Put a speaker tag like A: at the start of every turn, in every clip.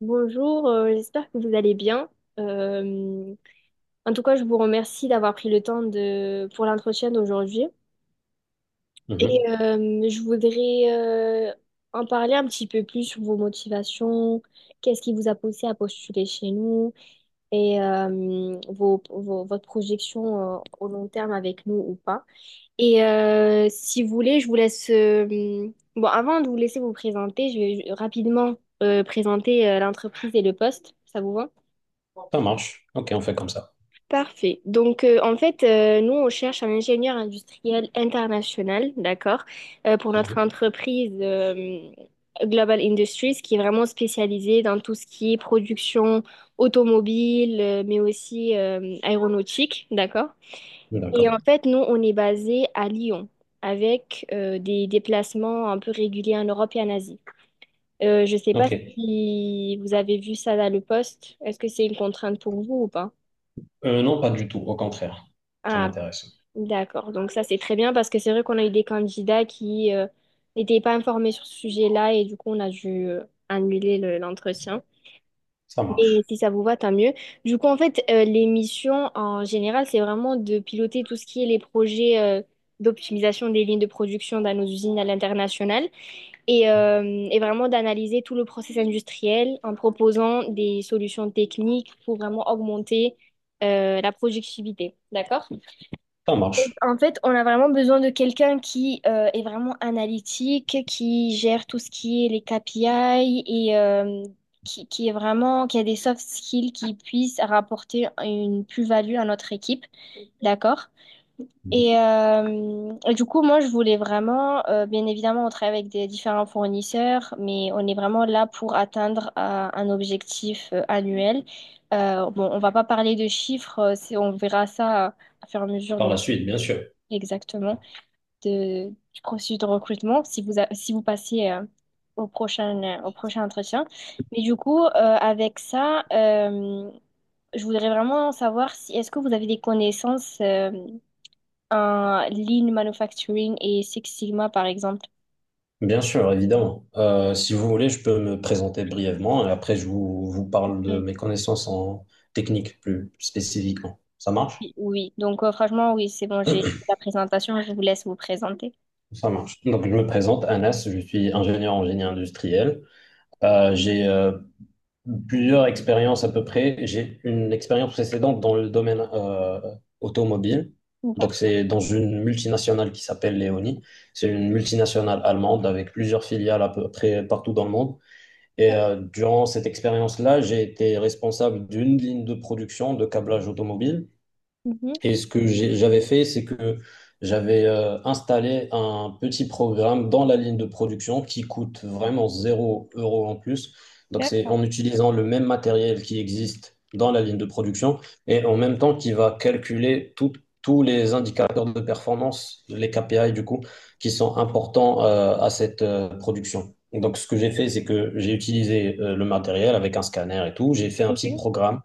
A: Bonjour, j'espère que vous allez bien. Euh, En tout cas, je vous remercie d'avoir pris le temps de, pour l'entretien d'aujourd'hui. Et
B: Mhm.
A: je voudrais en parler un petit peu plus sur vos motivations, qu'est-ce qui vous a poussé à postuler chez nous et votre projection au long terme avec nous ou pas. Et si vous voulez, je vous laisse... bon, avant de vous laisser vous présenter, je vais rapidement présenter l'entreprise et le poste. Ça vous va?
B: Ça marche. Ok, on fait comme ça.
A: Parfait. Donc, en fait, nous, on cherche un ingénieur industriel international, d'accord, pour notre
B: Mhm.
A: entreprise Global Industries, qui est vraiment spécialisée dans tout ce qui est production automobile, mais aussi aéronautique, d'accord.
B: Oui,
A: Et
B: d'accord.
A: en fait, nous, on est basé à Lyon, avec des déplacements un peu réguliers en Europe et en Asie. Je ne sais pas
B: Ok.
A: si vous avez vu ça dans le poste. Est-ce que c'est une contrainte pour vous ou pas?
B: Non, pas du tout. Au contraire. Ça
A: Ah,
B: m'intéresse.
A: d'accord, donc ça c'est très bien parce que c'est vrai qu'on a eu des candidats qui n'étaient pas informés sur ce sujet-là et du coup on a dû annuler l'entretien.
B: Ça
A: Mais
B: marche.
A: si ça vous va, tant mieux. Du coup, en fait, les missions en général, c'est vraiment de piloter tout ce qui est les projets d'optimisation des lignes de production dans nos usines à l'international et vraiment d'analyser tout le process industriel en proposant des solutions techniques pour vraiment augmenter la productivité. D'accord?
B: Ça marche.
A: En fait, on a vraiment besoin de quelqu'un qui est vraiment analytique, qui gère tout ce qui est les KPI et qui est vraiment, qui a des soft skills qui puissent rapporter une plus-value à notre équipe, d'accord?
B: Mhm.
A: Et du coup, moi, je voulais vraiment, bien évidemment, on travaille avec des différents fournisseurs, mais on est vraiment là pour atteindre un objectif annuel. Bon, on va pas parler de chiffres, c'est, on verra ça à fur et à mesure de
B: Par la
A: notre...
B: suite, bien sûr.
A: Exactement de, du processus de recrutement si vous, si vous passez au prochain entretien. Mais du coup, avec ça, je voudrais vraiment savoir si est-ce que vous avez des connaissances en lean manufacturing et Six Sigma, par exemple.
B: Bien sûr, évidemment. Si vous voulez, je peux me présenter brièvement et après, je vous parle
A: Mm.
B: de mes connaissances en technique plus spécifiquement. Ça marche?
A: Oui, donc franchement, oui, c'est bon, j'ai la présentation, je vous laisse vous présenter.
B: Ça marche. Donc, je me présente, Anas, je suis ingénieur en génie industriel. J'ai plusieurs expériences à peu près. J'ai une expérience précédente dans le domaine automobile. Donc,
A: D'accord.
B: c'est dans une multinationale qui s'appelle Leoni. C'est une multinationale allemande avec plusieurs filiales à peu près partout dans le monde. Et durant cette expérience-là, j'ai été responsable d'une ligne de production de câblage automobile.
A: Mhm.
B: Et ce que j'avais fait, c'est que j'avais installé un petit programme dans la ligne de production qui coûte vraiment 0 euro en plus. Donc c'est
A: D'accord.
B: en utilisant le même matériel qui existe dans la ligne de production et en même temps qui va calculer tous les indicateurs de performance, les KPI du coup, qui sont importants à cette production. Donc ce que j'ai fait, c'est que j'ai utilisé le matériel avec un scanner et tout. J'ai fait un petit
A: Oui.
B: programme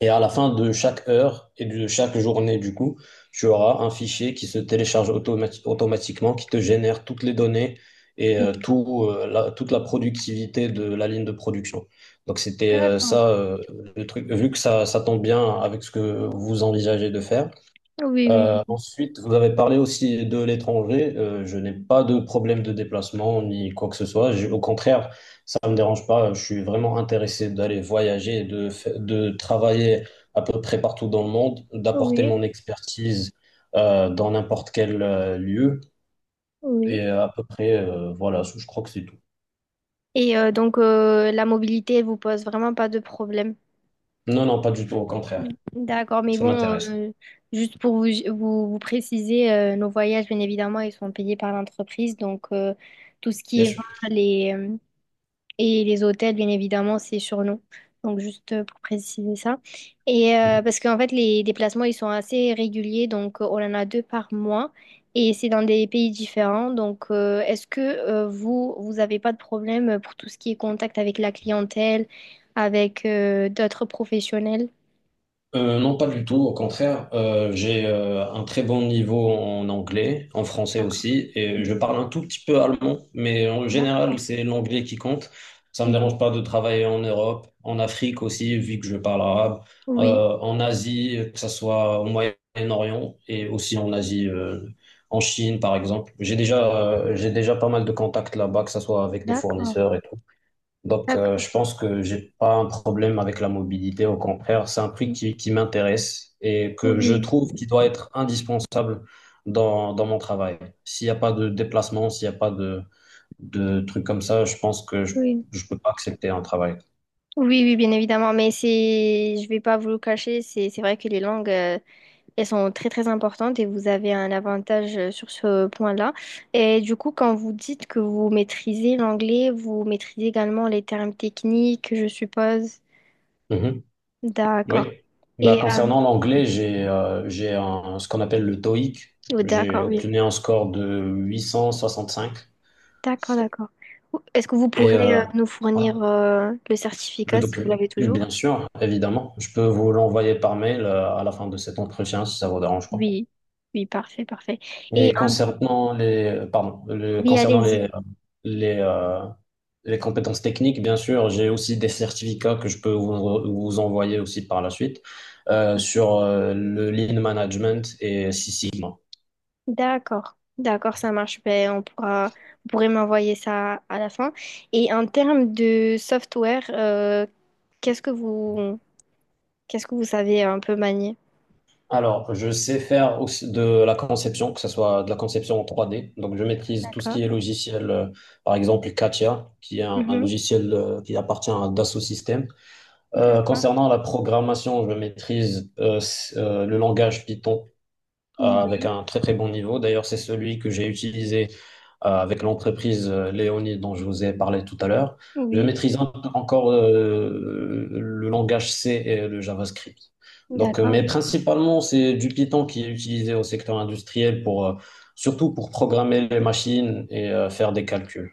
B: et à la fin de chaque heure et de chaque journée, du coup, tu auras un fichier qui se télécharge automatiquement, qui te génère toutes les données et tout, toute la productivité de la ligne de production. Donc c'était
A: D'accord.
B: ça, le truc. Vu que ça tombe bien avec ce que vous envisagez de faire,
A: Oui, oui,
B: ensuite, vous avez parlé aussi de l'étranger. Je n'ai pas de problème de déplacement ni quoi que ce soit. Au contraire, ça ne me dérange pas. Je suis vraiment intéressé d'aller voyager, et de travailler à peu près partout dans le monde, d'apporter
A: oui,
B: mon expertise dans n'importe quel lieu.
A: oui.
B: Et à peu près, voilà, je crois que c'est tout.
A: Et donc, la mobilité elle vous pose vraiment pas de problème.
B: Non, non, pas du tout. Au contraire,
A: D'accord, mais
B: ça
A: bon,
B: m'intéresse.
A: euh, juste pour vous, vous préciser, nos voyages, bien évidemment, ils sont payés par l'entreprise. Donc, tout ce
B: Bien
A: qui est
B: sûr.
A: vin les, et les hôtels, bien évidemment, c'est sur nous. Donc, juste pour préciser ça. Et parce qu'en fait, les déplacements, ils sont assez réguliers. Donc, on en a 2 par mois. Et c'est dans des pays différents. Donc, est-ce que vous, vous n'avez pas de problème pour tout ce qui est contact avec la clientèle, avec d'autres professionnels?
B: Non, pas du tout. Au contraire, j'ai un très bon niveau en anglais, en français
A: D'accord.
B: aussi, et je parle un tout petit peu allemand, mais en général,
A: D'accord.
B: c'est l'anglais qui compte. Ça me
A: Mhm.
B: dérange pas de travailler en Europe, en Afrique aussi, vu que je parle arabe,
A: Oui,
B: en Asie, que ce soit au Moyen-Orient et aussi en Asie, en Chine, par exemple. J'ai déjà pas mal de contacts là-bas, que ce soit avec des
A: d'accord,
B: fournisseurs et tout. Donc,
A: d'accord.
B: je pense que j'ai pas un problème avec la mobilité. Au contraire, c'est un prix
A: Mm.
B: qui m'intéresse et que je
A: Oui,
B: trouve qui doit être indispensable dans mon travail. S'il n'y a pas de déplacement, s'il n'y a pas de trucs comme ça, je pense que je,
A: oui,
B: je peux pas accepter un travail.
A: oui, oui, bien évidemment. Mais c'est, je vais pas vous le cacher, c'est vrai que les langues, elles sont très, très importantes et vous avez un avantage sur ce point-là. Et du coup, quand vous dites que vous maîtrisez l'anglais, vous maîtrisez également les termes techniques, je suppose.
B: Mhm.
A: D'accord.
B: Oui. Bah,
A: Et,
B: concernant l'anglais, j'ai un, ce qu'on appelle le TOEIC.
A: oh,
B: J'ai
A: d'accord, oui.
B: obtenu un score de 865
A: D'accord, d'accord. Est-ce que vous
B: et
A: pourrez nous
B: ouais.
A: fournir le
B: Le
A: certificat si vous
B: document,
A: l'avez toujours?
B: bien sûr, évidemment. Je peux vous l'envoyer par mail à la fin de cet entretien si ça vous dérange pas.
A: Oui, oui, parfait, parfait. Et
B: Et concernant les, pardon,
A: oui, allez-y.
B: les, euh, les compétences techniques, bien sûr, j'ai aussi des certificats que je peux vous envoyer aussi par la suite sur le Lean Management et Six Sigma.
A: D'accord, d'accord, ça marche. Ben, on pourra, vous pourrez m'envoyer ça à la fin. Et en termes de software, qu'est-ce que vous, qu'est-ce que vous savez un peu manier?
B: Alors, je sais faire aussi de la conception, que ce soit de la conception en 3D. Donc, je maîtrise tout ce qui
A: D'accord.
B: est logiciel, par exemple Katia, qui est un
A: Mhm.
B: logiciel qui appartient à Dassault Systèmes.
A: D'accord.
B: Concernant la programmation, je maîtrise le langage Python avec
A: Oui.
B: un très très bon niveau. D'ailleurs, c'est celui que j'ai utilisé avec l'entreprise Léonie dont je vous ai parlé tout à l'heure. Je
A: Oui.
B: maîtrise un peu encore le langage C et le JavaScript. Donc,
A: D'accord,
B: mais
A: oui.
B: principalement, c'est du Python qui est utilisé au secteur industriel pour, surtout pour programmer les machines et faire des calculs.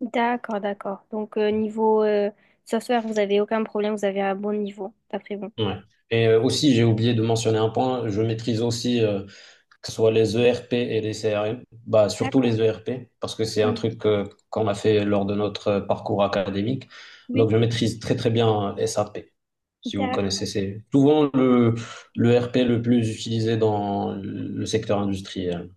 A: D'accord, d'accord. Donc, niveau software, vous avez aucun problème, vous avez un bon niveau, d'après vous.
B: Ouais. Et aussi, j'ai oublié de mentionner un point, je maîtrise aussi que ce soit les ERP et les CRM, bah, surtout
A: D'accord.
B: les ERP, parce que c'est un
A: Oui.
B: truc qu'on a fait lors de notre parcours académique.
A: Oui.
B: Donc, je maîtrise très, très bien SAP, si vous
A: D'accord.
B: connaissez. C'est souvent le ERP le plus utilisé dans le secteur industriel.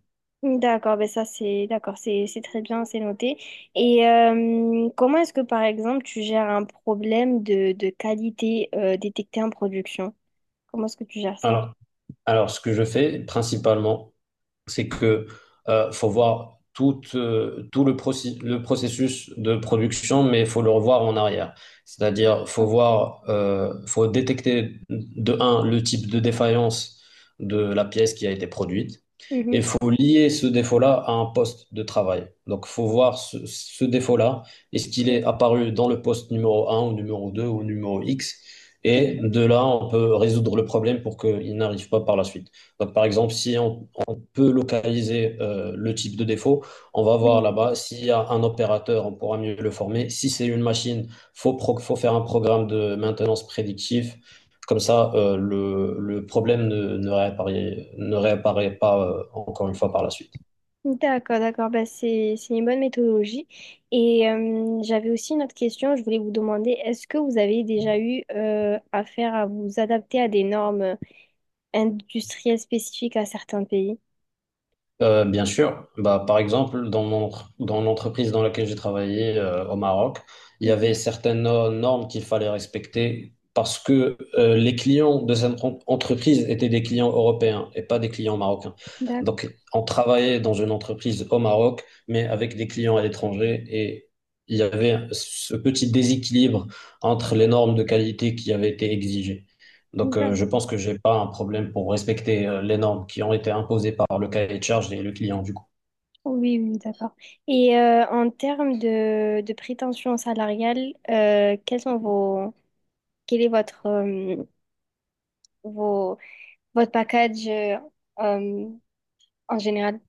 A: D'accord, ben ça c'est d'accord, c'est très bien, c'est noté. Et comment est-ce que par exemple tu gères un problème de qualité détecté en production? Comment est-ce que tu gères ça?
B: Alors, alors, ce que je fais principalement, c'est que faut voir tout le processus de production, mais faut le revoir en arrière. C'est-à-dire, faut détecter de un le type de défaillance de la pièce qui a été produite, et
A: Mhm.
B: faut lier ce défaut-là à un poste de travail. Donc, faut voir ce défaut-là, est-ce qu'il est apparu dans le poste numéro un ou numéro 2 ou numéro X? Et de là, on peut résoudre le problème pour qu'il n'arrive pas par la suite. Donc, par exemple, si on peut localiser le type de défaut. On va voir
A: Oui,
B: là-bas. S'il y a un opérateur, on pourra mieux le former. Si c'est une machine, faut faire un programme de maintenance prédictif. Comme ça, le problème ne réapparaît pas encore une fois par la suite.
A: d'accord, d'accord. Bah, c'est une bonne méthodologie. Et j'avais aussi une autre question. Je voulais vous demander, est-ce que vous avez déjà eu affaire à vous adapter à des normes industrielles spécifiques à certains pays?
B: Bien sûr. Bah, par exemple, dans l'entreprise dans laquelle j'ai travaillé au Maroc, il y
A: Mhm.
B: avait certaines normes qu'il fallait respecter parce que les clients de cette entreprise étaient des clients européens et pas des clients marocains.
A: D'accord.
B: Donc, on travaillait dans une entreprise au Maroc, mais avec des clients à l'étranger et il y avait ce petit déséquilibre entre les normes de qualité qui avaient été exigées. Donc,
A: D'accord.
B: je pense que j'ai pas un problème pour respecter les normes qui ont été imposées par le cahier de charge et le client, du coup.
A: Oui, oui, d'accord. Et en termes de prétention salariale, quels sont vos, quel est votre, vos, votre package euh, en général?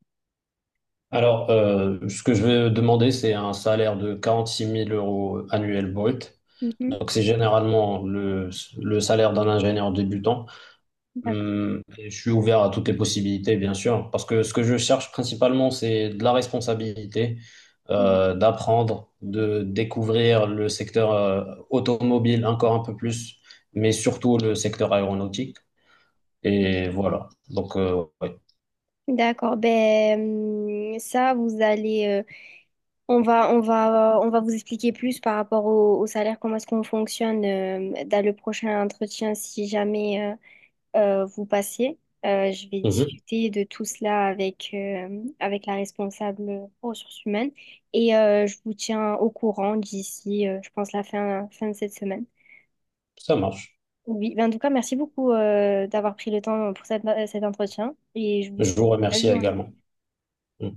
B: Alors, ce que je vais demander, c'est un salaire de 46 000 euros annuel brut.
A: Mhm.
B: Donc, c'est généralement le salaire d'un ingénieur débutant.
A: D'accord.
B: Et je suis ouvert à toutes les possibilités, bien sûr, parce que ce que je cherche principalement, c'est de la responsabilité, d'apprendre, de découvrir le secteur, automobile encore un peu plus, mais surtout le secteur aéronautique. Et voilà. Donc, ouais.
A: D'accord, ben ça vous allez, on va, on va, on va vous expliquer plus par rapport au, au salaire, comment est-ce qu'on fonctionne dans le prochain entretien si jamais vous passez. Je vais
B: Mhm.
A: discuter de tout cela avec avec la responsable ressources humaines et je vous tiens au courant d'ici, je pense la fin fin de cette semaine.
B: Ça marche.
A: Oui, ben en tout cas merci beaucoup d'avoir pris le temps pour cet entretien et je vous
B: Je vous
A: souhaite une
B: remercie
A: belle journée.
B: également. Mmh.